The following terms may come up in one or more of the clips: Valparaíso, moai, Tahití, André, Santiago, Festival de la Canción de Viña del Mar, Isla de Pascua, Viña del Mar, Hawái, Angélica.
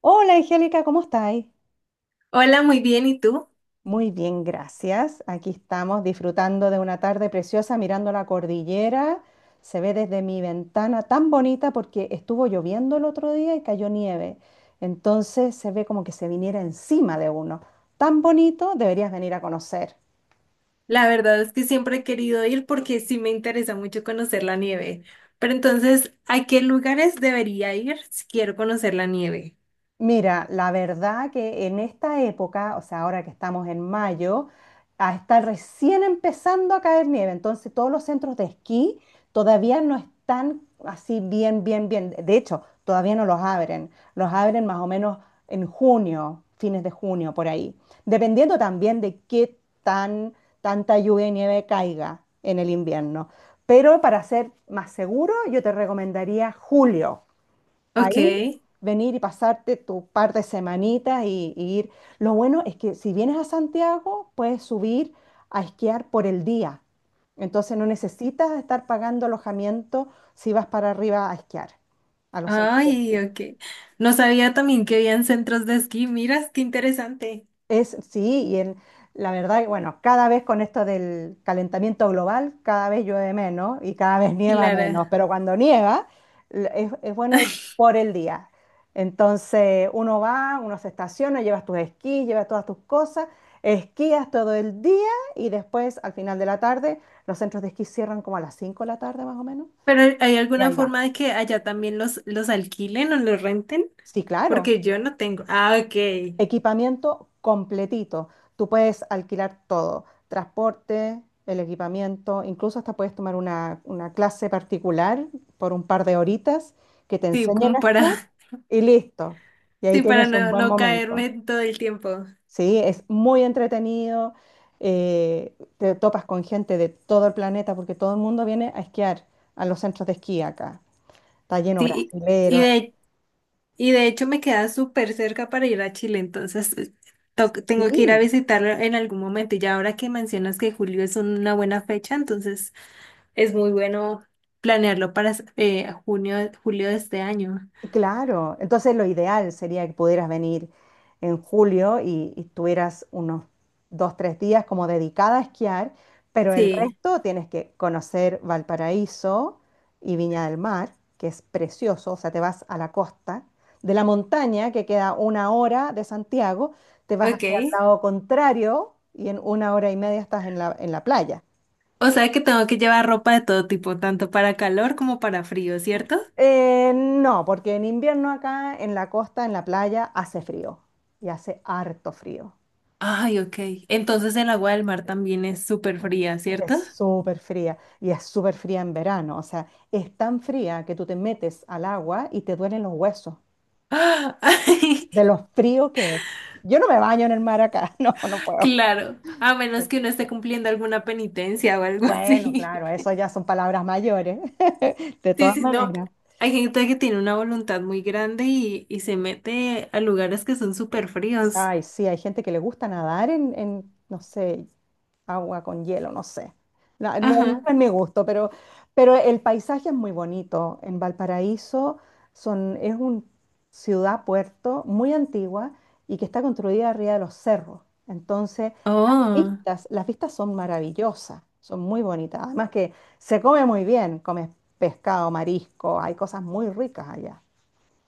Hola Angélica, ¿cómo estáis? Hola, muy bien. ¿Y tú? Muy bien, gracias. Aquí estamos disfrutando de una tarde preciosa mirando la cordillera. Se ve desde mi ventana tan bonita porque estuvo lloviendo el otro día y cayó nieve. Entonces se ve como que se viniera encima de uno. Tan bonito, deberías venir a conocer. La verdad es que siempre he querido ir porque sí me interesa mucho conocer la nieve. Pero entonces, ¿a qué lugares debería ir si quiero conocer la nieve? Mira, la verdad que en esta época, o sea, ahora que estamos en mayo, está recién empezando a caer nieve, entonces todos los centros de esquí todavía no están así bien, bien, bien. De hecho, todavía no los abren. Los abren más o menos en junio, fines de junio, por ahí. Dependiendo también de qué tan tanta lluvia y nieve caiga en el invierno. Pero para ser más seguro, yo te recomendaría julio. Ok. Ahí venir y pasarte tu par de semanitas y, ir. Lo bueno es que si vienes a Santiago, puedes subir a esquiar por el día. Entonces no necesitas estar pagando alojamiento si vas para arriba a esquiar, a los centros. Ay, ok. No sabía también que habían centros de esquí. Miras, qué interesante. Es, sí, y la verdad, que, bueno, cada vez con esto del calentamiento global, cada vez llueve menos y cada vez nieva menos, Clara. pero cuando nieva es, bueno ir por el día. Entonces uno va, uno se estaciona, llevas tus esquís, llevas todas tus cosas, esquías todo el día y después al final de la tarde los centros de esquí cierran como a las 5 de la tarde más o menos. Pero ¿hay Y alguna ahí va. forma de que allá también los alquilen o los renten? Sí, claro. Porque yo no tengo. Ah, ok. Equipamiento completito. Tú puedes alquilar todo, transporte, el equipamiento, incluso hasta puedes tomar una, clase particular por un par de horitas que te Sí, enseñen como a esquiar para, y listo. Y ahí sí, para tienes un no, buen no caerme momento. todo el tiempo. Sí, es muy entretenido. Te topas con gente de todo el planeta porque todo el mundo viene a esquiar a los centros de esquí acá. Está lleno Sí, y, y brasilero. de Y de hecho me queda súper cerca para ir a Chile, entonces tengo que ir a Sí. visitarlo en algún momento. Y ya ahora que mencionas que julio es una buena fecha, entonces es muy bueno planearlo para junio, julio de este año. Claro, entonces lo ideal sería que pudieras venir en julio y, tuvieras unos 3 días como dedicada a esquiar, pero el Sí, resto tienes que conocer Valparaíso y Viña del Mar, que es precioso, o sea, te vas a la costa de la montaña, que queda una hora de Santiago, te vas ok. hacia el lado contrario y en una hora y media estás en la, playa. O sea que tengo que llevar ropa de todo tipo, tanto para calor como para frío, ¿cierto? No, porque en invierno acá en la costa, en la playa, hace frío y hace harto frío. Ay, ok. Entonces el agua del mar también es súper fría, Es ¿cierto? súper fría y es súper fría en verano. O sea, es tan fría que tú te metes al agua y te duelen los huesos ¡Ah! Ay, de lo frío que es. Yo no me baño en el mar acá, no, no puedo. claro, a menos Sí. que uno esté cumpliendo alguna penitencia o algo Bueno, así. claro, eso ya son palabras mayores, de Sí, todas sí, no. maneras. Hay gente que tiene una voluntad muy grande y se mete a lugares que son súper fríos. Ay, sí, hay gente que le gusta nadar en, no sé, agua con hielo, no sé. No, no Ajá. es mi gusto, pero, el paisaje es muy bonito. En Valparaíso es una ciudad, puerto muy antigua y que está construida arriba de los cerros. Entonces, Oh. Las vistas son maravillosas, son muy bonitas. Además que se come muy bien, comes pescado, marisco, hay cosas muy ricas allá.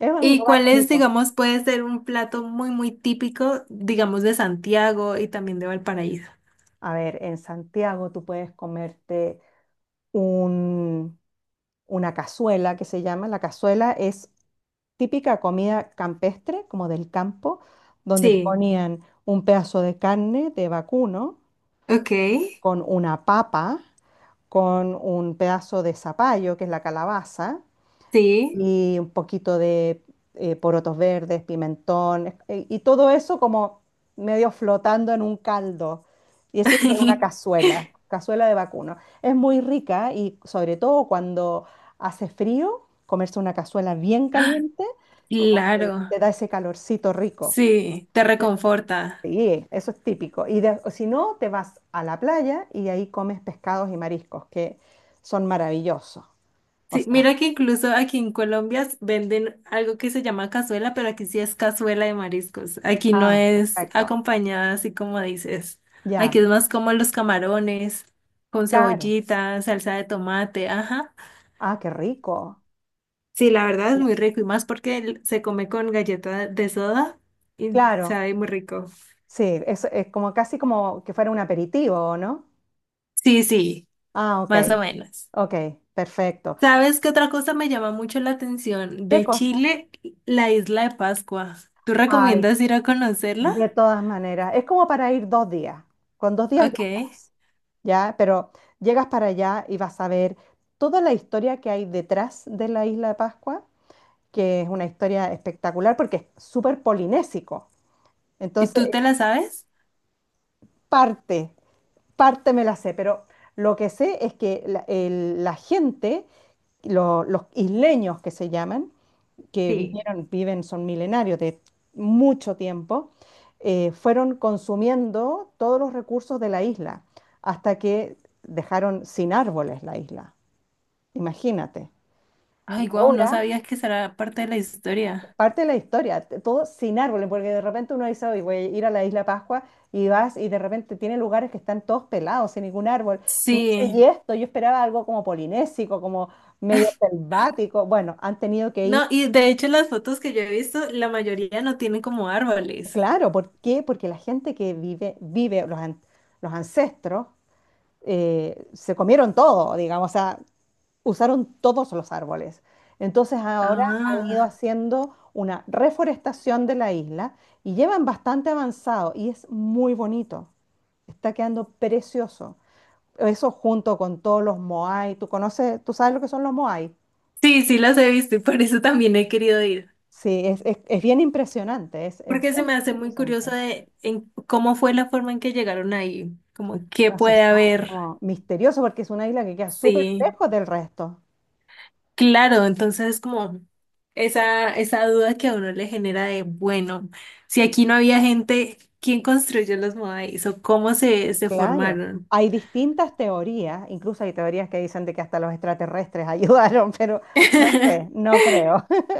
Es un ¿Y lugar cuál es, bonito. digamos, puede ser un plato muy, muy típico, digamos, de Santiago y también de Valparaíso? A ver, en Santiago tú puedes comerte un una cazuela que se llama. La cazuela es típica comida campestre, como del campo, donde te Sí. ponían un pedazo de carne de vacuno Ok. con una papa, con un pedazo de zapallo, que es la calabaza, Sí. y un poquito de porotos verdes, pimentón, y todo eso como medio flotando en un caldo. Y eso es una cazuela, cazuela de vacuno. Es muy rica y sobre todo cuando hace frío, comerse una cazuela bien caliente, como que Claro. te da ese calorcito rico. Sí. Te reconforta. Sí, eso es típico. O si no, te vas a la playa y ahí comes pescados y mariscos, que son maravillosos. O Sí, sea, mira que incluso aquí en Colombia venden algo que se llama cazuela, pero aquí sí es cazuela de mariscos. Aquí no ah, es perfecto. acompañada así como dices. Aquí Ya, es más como los camarones, con claro. cebollita, salsa de tomate, ajá. Ah, qué rico. Sí, la verdad es Bien. muy rico y más porque se come con galleta de soda y Claro, sabe muy rico. sí, es como casi como que fuera un aperitivo, ¿no? Sí, sí, Ah, ok, más o menos. ok, perfecto. ¿Sabes qué otra cosa me llama mucho la atención? ¿Qué De cosa? Chile, la isla de Pascua. ¿Tú Ay, recomiendas ir a conocerla? de todas maneras, es como para ir 2 días. Con 2 días ya Ok. estás, ¿ya? Pero llegas para allá y vas a ver toda la historia que hay detrás de la isla de Pascua, que es una historia espectacular porque es súper polinésico. ¿Y tú te Entonces, la sabes? es parte me la sé, pero lo que sé es que la gente, los isleños que se llaman, que Sí. vivieron, viven, son milenarios de mucho tiempo, fueron consumiendo todos los recursos de la isla hasta que dejaron sin árboles la isla. Imagínate. Y Ay, guau, no ahora sabías que será parte de la historia. parte de la historia, todo sin árboles, porque de repente uno dice, hoy voy a ir a la Isla Pascua y vas y de repente tiene lugares que están todos pelados, sin ningún árbol. Y no sé, y Sí. esto, yo esperaba algo como polinésico, como medio selvático. Bueno, han tenido que ir, No, y de hecho las fotos que yo he visto, la mayoría no tienen como árboles. claro, ¿por qué? Porque la gente que vive, los ancestros, se comieron todo, digamos, o sea, usaron todos los árboles. Entonces ahora han ido Ah, haciendo una reforestación de la isla y llevan bastante avanzado y es muy bonito. Está quedando precioso. Eso junto con todos los moai. ¿Tú conoces, tú sabes lo que son los moai? sí, sí las he visto y por eso también he querido ir. Sí, es bien impresionante, es Porque se bien, me bien hace muy impresionante. curioso de en cómo fue la forma en que llegaron ahí, como qué No se puede sabe, es haber. como misterioso porque es una isla que queda súper Sí. lejos del resto. Claro, entonces es como esa duda que a uno le genera de, bueno, si aquí no había gente, ¿quién construyó los modáis o cómo se Claro, formaron? hay distintas teorías, incluso hay teorías que dicen de que hasta los extraterrestres ayudaron, pero no sé, no creo.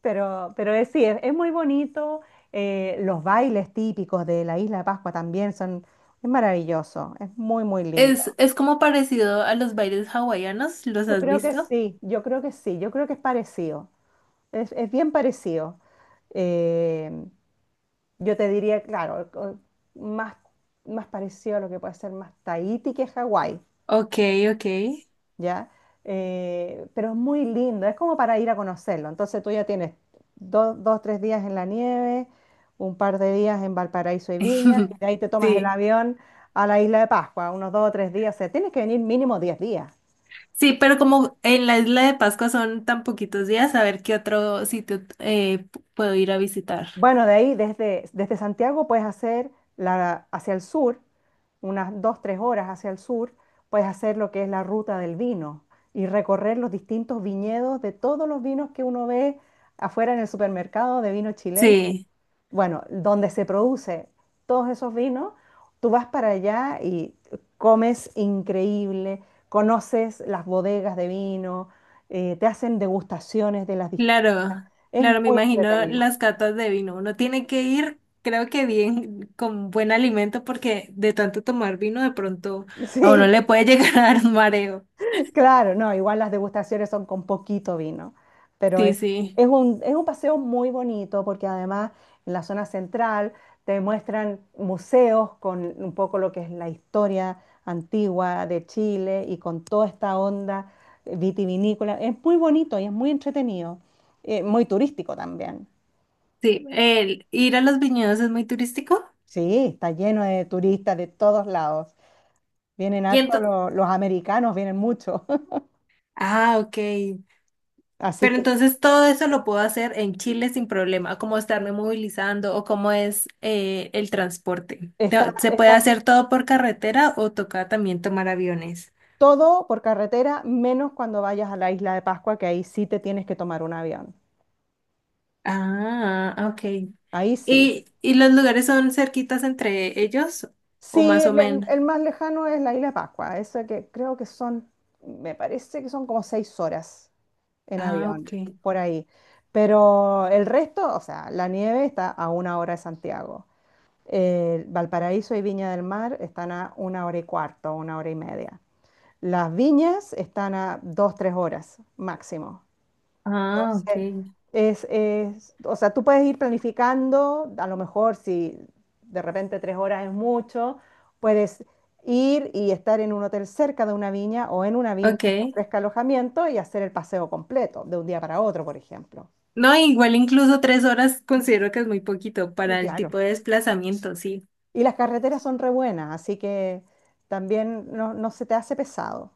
Pero es, sí, es muy bonito, los bailes típicos de la Isla de Pascua también es maravilloso, es muy, muy lindo. Es como parecido a los bailes hawaianos, ¿los Yo has creo que visto? sí, yo creo que sí, yo creo que es parecido, es bien parecido. Eh, yo te diría, claro, más, más parecido a lo que puede ser más Tahití que Hawái. Ok, ok. ¿Ya? Pero es muy lindo, es como para ir a conocerlo. Entonces tú ya tienes dos, tres días en la nieve, un par de días en Valparaíso y Viña, y de ahí te tomas el Sí. avión a la isla de Pascua, unos dos o 3 días, o sea, tienes que venir mínimo 10 días. Sí, pero como en la isla de Pascua son tan poquitos días, a ver qué otro sitio puedo ir a visitar. Bueno, de ahí desde Santiago puedes hacer hacia el sur, unas dos, 3 horas hacia el sur, puedes hacer lo que es la ruta del vino y recorrer los distintos viñedos de todos los vinos que uno ve afuera en el supermercado de vino chileno. Sí. Bueno, donde se produce todos esos vinos, tú vas para allá y comes increíble, conoces las bodegas de vino, te hacen degustaciones de las distintas. Claro, Es claro, me muy imagino entretenido. las catas de vino. Uno tiene que ir, creo que bien, con buen alimento, porque de tanto tomar vino, de pronto a uno Sí. le puede llegar a dar un mareo. Claro, no, igual las degustaciones son con poquito vino, pero Sí, sí, es un paseo muy bonito porque además en la zona central te muestran museos con un poco lo que es la historia antigua de Chile y con toda esta onda vitivinícola. Es muy bonito y es muy entretenido, muy turístico también. sí. El ir a los viñedos es muy turístico. Sí, está lleno de turistas de todos lados. Vienen Y harto entonces, los americanos, vienen mucho. ah, ok. Así Pero que entonces todo eso lo puedo hacer en Chile sin problema, como estarme movilizando o cómo es el transporte. está, ¿Se puede está hacer todo por carretera o toca también tomar aviones? todo por carretera, menos cuando vayas a la isla de Pascua, que ahí sí te tienes que tomar un avión. Ah, ok. Ahí sí. ¿Y los lugares son cerquitas entre ellos? ¿O Sí, más o menos? el más lejano es la isla de Pascua, eso que creo que me parece que son como 6 horas en Ah, avión, ok. por ahí. Pero el resto, o sea, la nieve está a una hora de Santiago. Valparaíso y Viña del Mar están a una hora y cuarto, una hora y media. Las viñas están a dos, 3 horas máximo. Ah, Entonces, ok. O sea, tú puedes ir planificando, a lo mejor si de repente 3 horas es mucho, puedes ir y estar en un hotel cerca de una viña o en una viña que Ok. ofrezca alojamiento y hacer el paseo completo de un día para otro, por ejemplo. No, igual incluso 3 horas considero que es muy poquito Y para el claro. tipo de desplazamiento, sí. Y las carreteras son re buenas, así que también no, no se te hace pesado.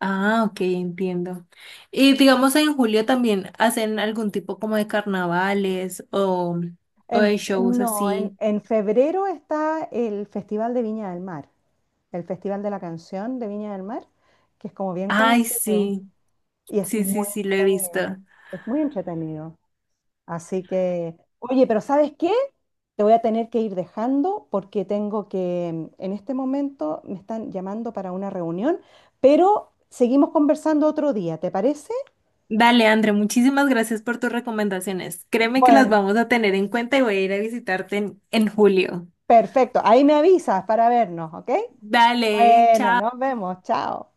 Ah, ok, entiendo. Y digamos en julio también hacen algún tipo como de carnavales o En, de shows no, así. en febrero está el Festival de Viña del Mar. El Festival de la Canción de Viña del Mar, que es como bien Ay, conocido sí, y es sí, sí, muy sí, lo he visto. entretenido. Es muy entretenido. Así que, oye, pero ¿sabes qué? Te voy a tener que ir dejando porque tengo que, en este momento me están llamando para una reunión, pero seguimos conversando otro día, ¿te parece? Dale, André, muchísimas gracias por tus recomendaciones. Créeme que las Bueno, vamos a tener en cuenta y voy a ir a visitarte en julio. perfecto. Ahí me avisas para vernos, ¿ok? Dale, Bueno, chao. nos vemos. Chao.